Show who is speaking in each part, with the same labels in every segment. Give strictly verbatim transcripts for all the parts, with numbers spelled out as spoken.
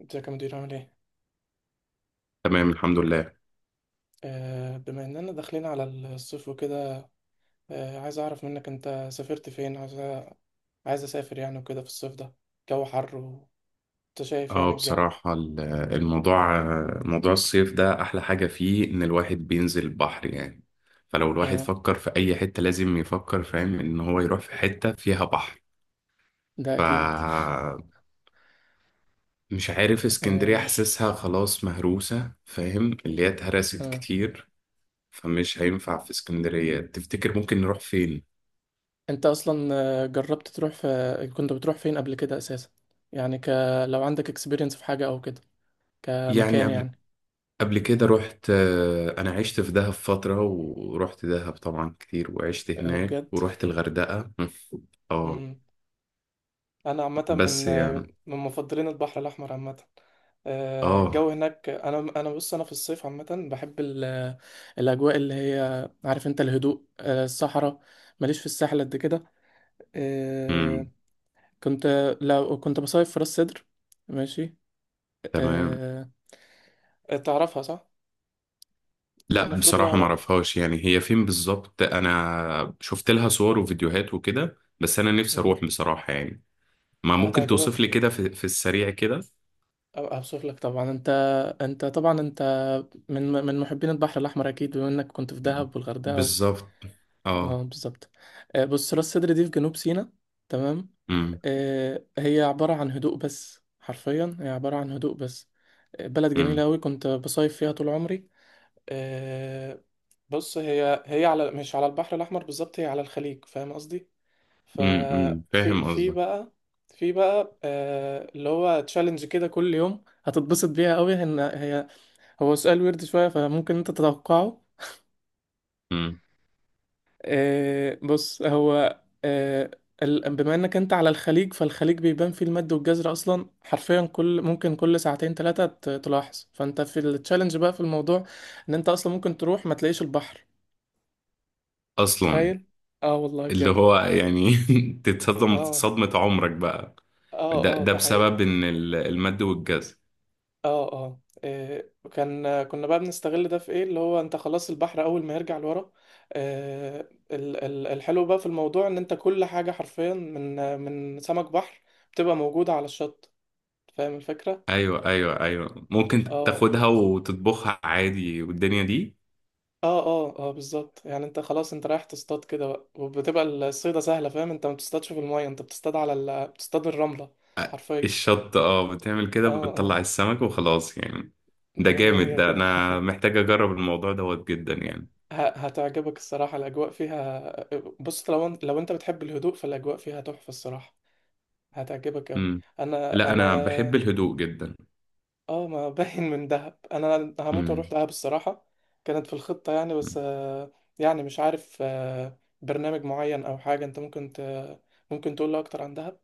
Speaker 1: ازيك يا مدير عامل ايه؟
Speaker 2: تمام، الحمد لله.
Speaker 1: آه، بما اننا داخلين على الصيف وكده. آه، عايز اعرف منك، انت سافرت فين؟ عايز أ- عايز اسافر يعني وكده في الصيف ده. جو حر، وانت شايف
Speaker 2: اه،
Speaker 1: يعني الجو.
Speaker 2: بصراحة ال- الموضوع، موضوع الصيف ده أحلى حاجة فيه إن الواحد بينزل البحر يعني. فلو الواحد
Speaker 1: اه،
Speaker 2: فكر في أي حتة لازم يفكر، فاهم إن هو يروح في حتة فيها بحر.
Speaker 1: ده اكيد.
Speaker 2: فمش عارف، اسكندرية
Speaker 1: آه.
Speaker 2: حاسسها خلاص مهروسة، فاهم، اللي هي اتهرست
Speaker 1: آه.
Speaker 2: كتير. فمش هينفع في اسكندرية. تفتكر ممكن نروح فين؟
Speaker 1: انت اصلا آه، جربت تروح في كنت بتروح فين قبل كده اساسا؟ يعني ك... لو عندك اكسبيرينس في حاجة او كده،
Speaker 2: يعني
Speaker 1: كمكان يعني.
Speaker 2: قبل كده رحت آه، انا عشت في دهب فترة، ورحت دهب طبعا كتير، وعشت
Speaker 1: آه،
Speaker 2: هناك،
Speaker 1: بجد.
Speaker 2: ورحت الغردقة مم. اه،
Speaker 1: انا عامه من
Speaker 2: بس يعني،
Speaker 1: من مفضلين البحر الاحمر عامه. آه،
Speaker 2: اه
Speaker 1: الجو هناك. انا انا بص، انا في الصيف عامه بحب ال- الاجواء اللي هي عارف انت، الهدوء، آه، الصحراء. ماليش في الساحل قد كده. آه،
Speaker 2: امم
Speaker 1: كنت لو كنت بصيف في راس سدر، ماشي.
Speaker 2: تمام.
Speaker 1: آه، تعرفها صح.
Speaker 2: لا،
Speaker 1: المفروض هي
Speaker 2: بصراحة ما
Speaker 1: على. الخ
Speaker 2: اعرفهاش يعني، هي فين بالظبط؟ انا شفت لها صور وفيديوهات وكده، بس انا نفسي
Speaker 1: مم.
Speaker 2: اروح بصراحة يعني. ما ممكن توصف لي
Speaker 1: هتعجبك.
Speaker 2: كده في, في السريع كده؟
Speaker 1: اوصف لك طبعا. انت انت طبعا انت من من محبين البحر الاحمر اكيد بما انك كنت في دهب والغردقه.
Speaker 2: بالظبط، اه،
Speaker 1: اه، بالظبط. آه، بص، راس سدر دي في جنوب سيناء، تمام.
Speaker 2: امم
Speaker 1: آه، هي عبارة عن هدوء بس، حرفيا هي عبارة عن هدوء بس. آه، بلد جميلة
Speaker 2: امم
Speaker 1: أوي، كنت بصيف فيها طول عمري. آه، بص، هي هي على مش على البحر الأحمر بالظبط، هي على الخليج، فاهم قصدي.
Speaker 2: امم أمم.
Speaker 1: ففي
Speaker 2: فاهم
Speaker 1: في
Speaker 2: قصدك.
Speaker 1: بقى في بقى آه، اللي هو تشالنج كده، كل يوم هتتبسط بيها أوي إن هي هو سؤال ويرد شوية، فممكن أنت تتوقعه.
Speaker 2: امم
Speaker 1: آه، بص هو. آه، ال- بما انك انت على الخليج، فالخليج بيبان فيه المد والجزر اصلا، حرفيا كل ممكن كل ساعتين ثلاثة تلاحظ، فانت في التشالنج بقى في الموضوع، ان انت اصلا ممكن تروح ما تلاقيش البحر.
Speaker 2: اصلا،
Speaker 1: تخيل. اه، والله
Speaker 2: اللي
Speaker 1: بجد.
Speaker 2: هو يعني، تتصدم
Speaker 1: اه.
Speaker 2: صدمة عمرك بقى.
Speaker 1: اه.
Speaker 2: ده
Speaker 1: اه،
Speaker 2: ده
Speaker 1: ده حقيقي.
Speaker 2: بسبب ان ال- المد والجزر.
Speaker 1: اه. اه. إيه، كان كنا بقى بنستغل ده في ايه، اللي هو انت خلاص البحر اول ما يرجع لورا، آه، ال- ال- الحلو بقى في الموضوع، ان انت كل حاجة حرفيا من من سمك بحر بتبقى موجودة على الشط. فاهم الفكرة؟
Speaker 2: ايوه، ايوه، ايوه، ممكن
Speaker 1: اه.
Speaker 2: تاخدها وتطبخها عادي والدنيا دي.
Speaker 1: اه. اه. اه، بالظبط. يعني انت خلاص، انت رايح تصطاد كده بقى، وبتبقى الصيدة سهلة فاهم. انت ما بتصطادش في المية، انت بتصطاد على ال... بتصطاد الرملة
Speaker 2: أ-
Speaker 1: حرفيا.
Speaker 2: الشط، اه بتعمل كده
Speaker 1: اه. اه.
Speaker 2: بتطلع السمك وخلاص يعني. ده
Speaker 1: مية
Speaker 2: جامد،
Speaker 1: مية
Speaker 2: ده
Speaker 1: كده.
Speaker 2: انا محتاج اجرب الموضوع دوت جدا يعني.
Speaker 1: ه- هتعجبك الصراحة الأجواء فيها. بص، لو انت لو انت بتحب الهدوء، فالأجواء فيها تحفة الصراحة، هتعجبك أوي.
Speaker 2: امم
Speaker 1: أنا
Speaker 2: لا، انا بحب
Speaker 1: أنا
Speaker 2: الهدوء جدا.
Speaker 1: اه، ما باين من دهب، انا هموت
Speaker 2: امم
Speaker 1: واروح دهب الصراحه، كانت في الخطه يعني. بس آه، يعني مش عارف، آه، برنامج معين او حاجه انت ممكن ت... ممكن تقول لي اكتر عن دهب.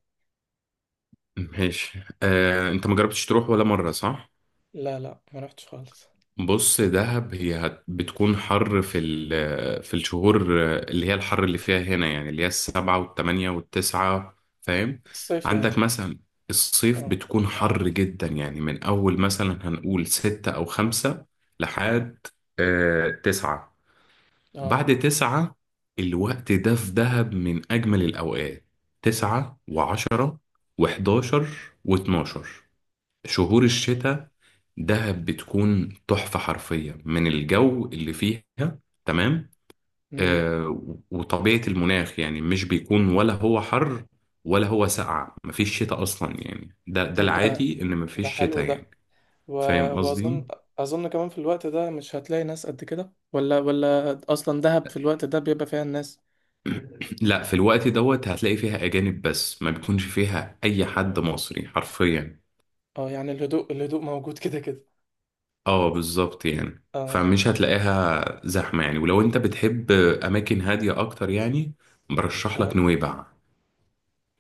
Speaker 2: ماشي. آه، انت ما جربتش تروح ولا مرة صح؟
Speaker 1: لا، لا، ما رحتش خالص.
Speaker 2: بص، دهب هي هت- بتكون حر في ال- في الشهور اللي هي الحر اللي فيها هنا يعني، اللي هي السبعة والتمانية والتسعة، فاهم.
Speaker 1: الصيف
Speaker 2: عندك
Speaker 1: يعني.
Speaker 2: مثلا، الصيف
Speaker 1: اه.
Speaker 2: بتكون حر جدا يعني، من أول مثلا هنقول ستة أو خمسة لحد آه تسعة.
Speaker 1: اه.
Speaker 2: بعد تسعة، الوقت ده في دهب من أجمل الأوقات. تسعة وعشرة وحداشر واتناشر، شهور الشتاء، دهب بتكون تحفة حرفية من الجو اللي فيها. تمام.
Speaker 1: امم
Speaker 2: آه وطبيعة المناخ يعني، مش بيكون ولا هو حر ولا هو ساقع، مفيش شتاء أصلا يعني. ده ده
Speaker 1: طب، ده
Speaker 2: العادي إن
Speaker 1: ده
Speaker 2: مفيش
Speaker 1: حلو
Speaker 2: شتاء
Speaker 1: ده،
Speaker 2: يعني.
Speaker 1: و...
Speaker 2: فاهم
Speaker 1: واظن
Speaker 2: قصدي؟
Speaker 1: اظن كمان في الوقت ده مش هتلاقي ناس قد كده، ولا ولا اصلا دهب في الوقت ده بيبقى فيها الناس.
Speaker 2: لا، في الوقت دوت هتلاقي فيها أجانب، بس ما بيكونش فيها أي حد مصري حرفيا.
Speaker 1: اه، يعني الهدوء، الهدوء موجود كده كده.
Speaker 2: اه بالظبط يعني،
Speaker 1: اه.
Speaker 2: فمش هتلاقيها زحمة يعني، ولو انت بتحب أماكن هادية أكتر يعني، برشح لك
Speaker 1: اه.
Speaker 2: نويبع.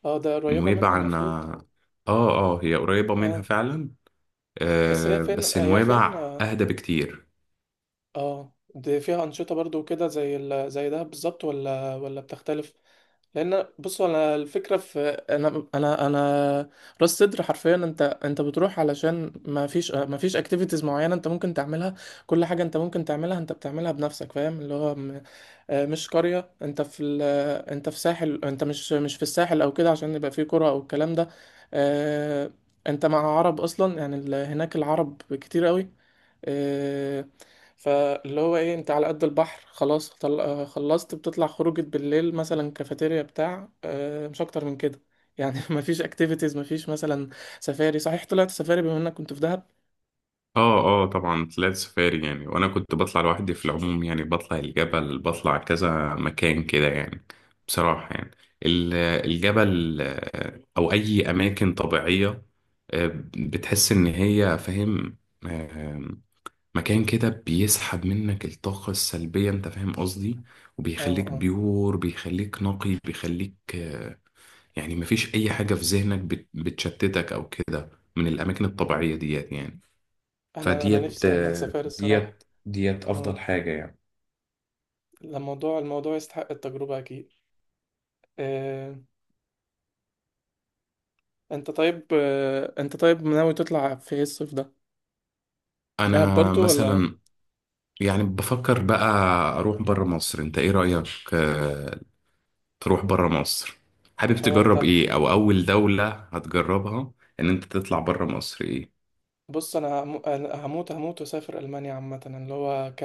Speaker 1: اه، ده قريبه منها
Speaker 2: نويبع أنا
Speaker 1: المفروض.
Speaker 2: آه آه هي قريبة منها
Speaker 1: اه،
Speaker 2: فعلا.
Speaker 1: بس هي
Speaker 2: آه
Speaker 1: فين؟
Speaker 2: بس
Speaker 1: هي فين؟
Speaker 2: نويبع
Speaker 1: اه.
Speaker 2: أهدى بكتير.
Speaker 1: آه، دي فيها أنشطة برضو كده، زي ال... زي ده بالظبط، ولا ولا بتختلف؟ لأن بصوا، أنا الفكرة في، أنا أنا أنا راس صدر حرفيا، أنت أنت بتروح علشان ما فيش ما فيش أكتيفيتيز معينة أنت ممكن تعملها. كل حاجة أنت ممكن تعملها أنت بتعملها بنفسك، فاهم اللي هو آه، مش قرية. انت في ال... آه، انت في ساحل، انت مش مش في الساحل او كده عشان يبقى فيه قرى او الكلام ده. آه، انت مع عرب اصلا، يعني ال... هناك العرب كتير قوي. آه، فاللي هو ايه، انت على قد البحر خلاص، طل... آه، خلصت بتطلع خروجة بالليل مثلا، كافيتيريا بتاع، آه، مش اكتر من كده يعني. مفيش اكتيفيتيز، مفيش مثلا سفاري. صحيح، طلعت سفاري بما انك كنت في دهب؟
Speaker 2: آه آه طبعا طلعت سفاري يعني، وأنا كنت بطلع لوحدي في العموم يعني. بطلع الجبل، بطلع كذا مكان كده يعني. بصراحة يعني، ال-
Speaker 1: مم.
Speaker 2: الجبل، آه، أو أي أماكن طبيعية، آه، بتحس إن هي فاهم، آه، مكان كده بيسحب منك الطاقة السلبية. أنت فاهم قصدي؟
Speaker 1: اه.
Speaker 2: وبيخليك
Speaker 1: اه.
Speaker 2: بيور، بيخليك نقي، بيخليك، آه، يعني مفيش أي حاجة في ذهنك بت- بتشتتك أو كده، من الأماكن الطبيعية ديت يعني.
Speaker 1: انا انا
Speaker 2: فديت
Speaker 1: نفسي اعمل
Speaker 2: آه،
Speaker 1: سفاري الصراحة.
Speaker 2: ديت ديت أفضل حاجة يعني.
Speaker 1: لا، الموضوع، الموضوع يستحق التجربة أكيد. آه، أنت طيب آه، أنت طيب ناوي تطلع في إيه الصيف ده؟ دهب
Speaker 2: أنا
Speaker 1: برضو ولا؟
Speaker 2: مثلا يعني بفكر بقى أروح برا مصر. أنت إيه رأيك؟ آه، تروح برا مصر؟ حابب
Speaker 1: الحوار
Speaker 2: تجرب
Speaker 1: ده؟
Speaker 2: إيه، أو أول دولة هتجربها إن أنت تطلع برا مصر إيه؟
Speaker 1: بص، أنا هم- أنا هموت، هموت وأسافر ألمانيا عامة، اللي هو ك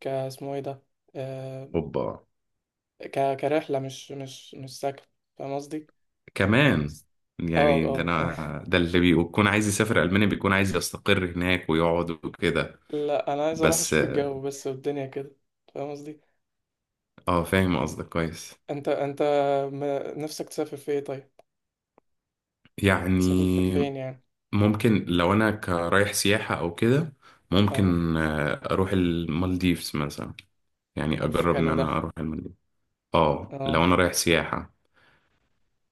Speaker 1: ك اسمه إيه ده؟ آه،
Speaker 2: أوبا،
Speaker 1: ك كرحلة، مش مش مش سكن، فاهم قصدي؟
Speaker 2: كمان
Speaker 1: اه.
Speaker 2: يعني، ده
Speaker 1: اه.
Speaker 2: انا ده اللي بيكون عايز يسافر المانيا بيكون عايز يستقر هناك ويقعد وكده.
Speaker 1: لا، أنا عايز أروح
Speaker 2: بس
Speaker 1: أشوف الجو بس والدنيا كده، فاهم قصدي؟
Speaker 2: اه فاهم قصدك كويس.
Speaker 1: أنت أنت م- نفسك تسافر في إيه طيب؟ تسافر
Speaker 2: يعني
Speaker 1: فين يعني؟
Speaker 2: ممكن لو انا كرايح سياحة او كده،
Speaker 1: اه،
Speaker 2: ممكن آه، اروح المالديفز مثلا. يعني
Speaker 1: أوف،
Speaker 2: اجرب ان
Speaker 1: حلو ده.
Speaker 2: انا اروح المالديفز. اه، لو
Speaker 1: اه.
Speaker 2: انا رايح سياحة،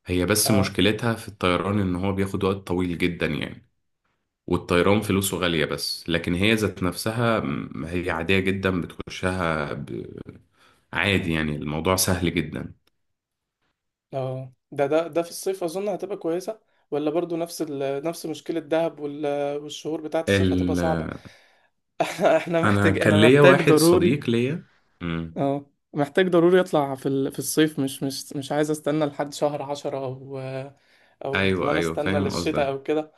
Speaker 2: هي بس
Speaker 1: اه.
Speaker 2: مشكلتها في الطيران ان هو بياخد وقت طويل جدا يعني. والطيران فلوسه غالية، بس لكن هي ذات نفسها، م، هي عادية جدا، بتخشها ب- عادي يعني، الموضوع سهل جدا.
Speaker 1: اه، ده ده ده في الصيف اظن هتبقى كويسه، ولا برضو نفس ال... نفس مشكله دهب وال... والشهور بتاعه الصيف هتبقى
Speaker 2: ال...
Speaker 1: صعبه؟ احنا
Speaker 2: انا
Speaker 1: محتاج
Speaker 2: كان
Speaker 1: انا
Speaker 2: ليا
Speaker 1: محتاج
Speaker 2: واحد
Speaker 1: ضروري.
Speaker 2: صديق ليا. مم.
Speaker 1: اه، محتاج ضروري اطلع في ال... في الصيف، مش مش مش عايز استنى لحد شهر عشرة، او او ان
Speaker 2: ايوه،
Speaker 1: انا
Speaker 2: ايوه،
Speaker 1: استنى
Speaker 2: فاهم
Speaker 1: للشتاء
Speaker 2: قصدك.
Speaker 1: او كده.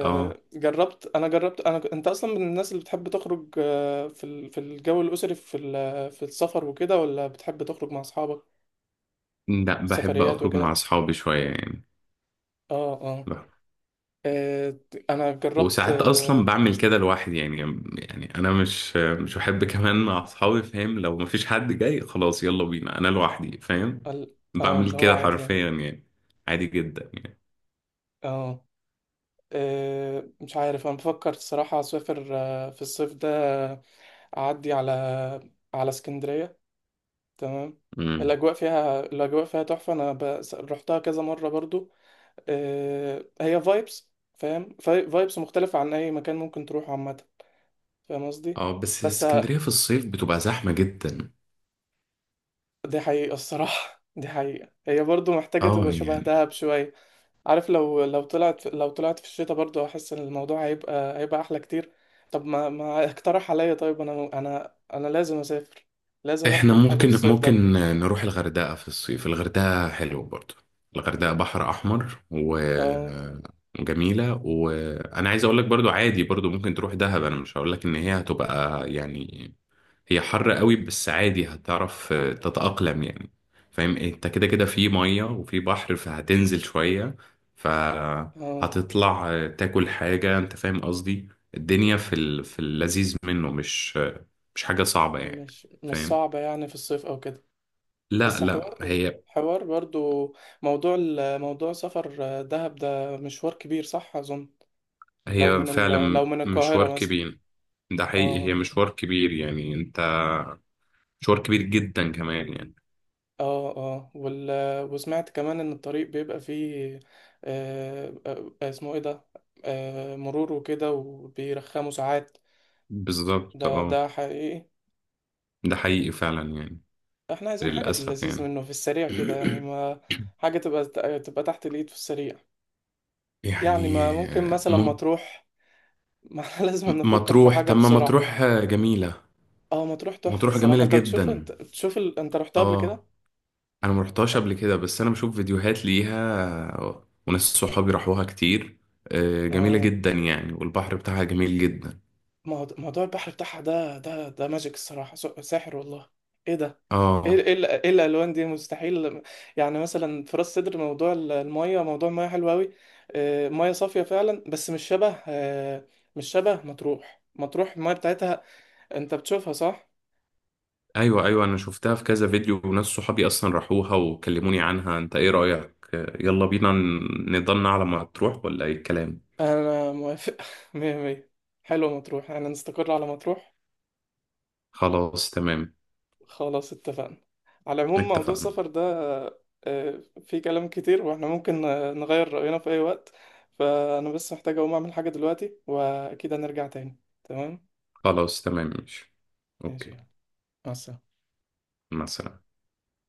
Speaker 2: اه،
Speaker 1: جربت انا جربت انا ك- انت اصلا من الناس اللي بتحب تخرج آه، في ال... في الجو الاسري، في ال... في السفر وكده، ولا بتحب تخرج مع اصحابك
Speaker 2: لا، بحب
Speaker 1: سفريات
Speaker 2: اخرج مع
Speaker 1: وكده؟
Speaker 2: اصحابي شويه يعني.
Speaker 1: اه. آه.
Speaker 2: بح-
Speaker 1: آه، انا جربت،
Speaker 2: وساعات اصلا
Speaker 1: آه،
Speaker 2: بعمل كده لوحدي يعني. يعني انا مش مش بحب كمان مع اصحابي، فاهم، لو مفيش حد جاي خلاص يلا بينا انا لوحدي، فاهم.
Speaker 1: ال- اه اللي
Speaker 2: بعمل
Speaker 1: هو
Speaker 2: كده
Speaker 1: عادي يعني.
Speaker 2: حرفيا يعني، عادي جدا يعني.
Speaker 1: اه. آه، مش عارف، انا بفكر الصراحة اسافر آه، في الصيف ده. آه، اعدي على، على اسكندرية، تمام.
Speaker 2: امم
Speaker 1: الاجواء فيها الاجواء فيها تحفة. انا ب... رحتها كذا مرة برضو. آه، هي فايبس، فاهم، فايبس مختلفة عن اي مكان ممكن تروحه عامة، فاهم قصدي.
Speaker 2: اه، بس
Speaker 1: بس آه،
Speaker 2: اسكندريه في الصيف بتبقى زحمه جدا.
Speaker 1: دي حقيقة الصراحة. دي حقيقة، هي برضو محتاجة
Speaker 2: اه
Speaker 1: تبقى شبه
Speaker 2: يعني،
Speaker 1: دهب شوية. عارف، لو، لو طلعت لو طلعت في الشتاء برضه، احس ان الموضوع هيبقى هيبقى احلى كتير. طب ما ما اقترح عليا طيب، انا انا انا لازم اسافر، لازم
Speaker 2: احنا
Speaker 1: اخرج حاجة في
Speaker 2: ممكن
Speaker 1: الصيف ده.
Speaker 2: ممكن نروح الغردقة في الصيف. الغردقة حلو برضو. الغردقة بحر احمر
Speaker 1: اه.
Speaker 2: وجميلة، وانا عايز اقول لك برضو، عادي برضو ممكن تروح دهب. انا مش هقول لك ان هي هتبقى يعني، هي حر قوي، بس عادي هتعرف تتأقلم يعني. فاهم إيه؟ انت كده كده في مية وفي بحر، فهتنزل شوية،
Speaker 1: اه.
Speaker 2: فهتطلع تاكل حاجة، انت فاهم قصدي. الدنيا في ال- في اللذيذ منه، مش مش حاجة صعبة يعني،
Speaker 1: مش مش
Speaker 2: فاهم.
Speaker 1: صعبة يعني في الصيف او كده.
Speaker 2: لا،
Speaker 1: بس،
Speaker 2: لا،
Speaker 1: حوار
Speaker 2: هي
Speaker 1: حوار برضه، موضوع ال- موضوع سفر دهب ده مشوار كبير، صح اظن؟ لو
Speaker 2: هي
Speaker 1: من ال... لو
Speaker 2: فعلا
Speaker 1: من
Speaker 2: مشوار
Speaker 1: القاهرة مثلا.
Speaker 2: كبير. ده حقيقي، هي
Speaker 1: اه.
Speaker 2: مشوار كبير يعني، انت، مشوار كبير جدا كمان يعني.
Speaker 1: اه. اه، وال... وسمعت كمان ان الطريق بيبقى فيه، آه آه، آه، اسمه ايه ده، آه مرور وكده، وبيرخموا ساعات.
Speaker 2: بالظبط،
Speaker 1: ده
Speaker 2: اه،
Speaker 1: ده حقيقي.
Speaker 2: ده حقيقي فعلا يعني،
Speaker 1: احنا عايزين حاجة في
Speaker 2: للأسف
Speaker 1: اللذيذ
Speaker 2: يعني.
Speaker 1: منه، في السريع كده يعني، ما حاجة تبقى تبقى تحت الايد في السريع، يعني
Speaker 2: يعني
Speaker 1: ما ممكن مثلا ما
Speaker 2: م-
Speaker 1: تروح. ما احنا لازم نفكر في
Speaker 2: مطروح.
Speaker 1: حاجة
Speaker 2: طب، ما
Speaker 1: بسرعة.
Speaker 2: مطروح جميلة.
Speaker 1: اه، ما تروح تحفة
Speaker 2: مطروح
Speaker 1: الصراحة.
Speaker 2: جميلة
Speaker 1: انت بتشوف،
Speaker 2: جدا.
Speaker 1: انت بتشوف ال... انت رحتها قبل
Speaker 2: اه،
Speaker 1: كده.
Speaker 2: انا مروحتهاش قبل كده، بس انا بشوف فيديوهات ليها، وناس صحابي راحوها كتير. آه، جميلة
Speaker 1: اه.
Speaker 2: جدا يعني، والبحر بتاعها جميل جدا.
Speaker 1: موضوع موضوع البحر بتاعها، ده ده ده ماجيك الصراحة، س- ساحر والله. ايه ده، ايه،
Speaker 2: اه،
Speaker 1: ايه ال- إيه الالوان دي مستحيل. يعني مثلا في راس سدر، موضوع ال- المية، موضوع المية حلو قوي. آه، مية صافية فعلا، بس مش شبه آه، مش شبه مطروح. مطروح المية بتاعتها انت بتشوفها صح.
Speaker 2: ايوه، ايوه، انا شفتها في كذا فيديو، وناس صحابي اصلا راحوها وكلموني عنها. انت ايه رأيك؟ يلا بينا ن- نضلنا على ما تروح، ولا ايه الكلام؟
Speaker 1: انا موافق. مية مية، حلو، مطروح، انا نستقر على مطروح.
Speaker 2: خلاص، تمام،
Speaker 1: خلاص، اتفقنا. على العموم موضوع
Speaker 2: اتفقنا.
Speaker 1: السفر ده آه، فيه كلام كتير، واحنا ممكن آه، نغير رأينا في أي وقت. فأنا بس محتاج أقوم أعمل حاجة دلوقتي، وأكيد هنرجع تاني، تمام؟
Speaker 2: خلاص، تمام، ماشي،
Speaker 1: ماشي،
Speaker 2: اوكي.
Speaker 1: يلا. مع السلامة.
Speaker 2: مع السلامة.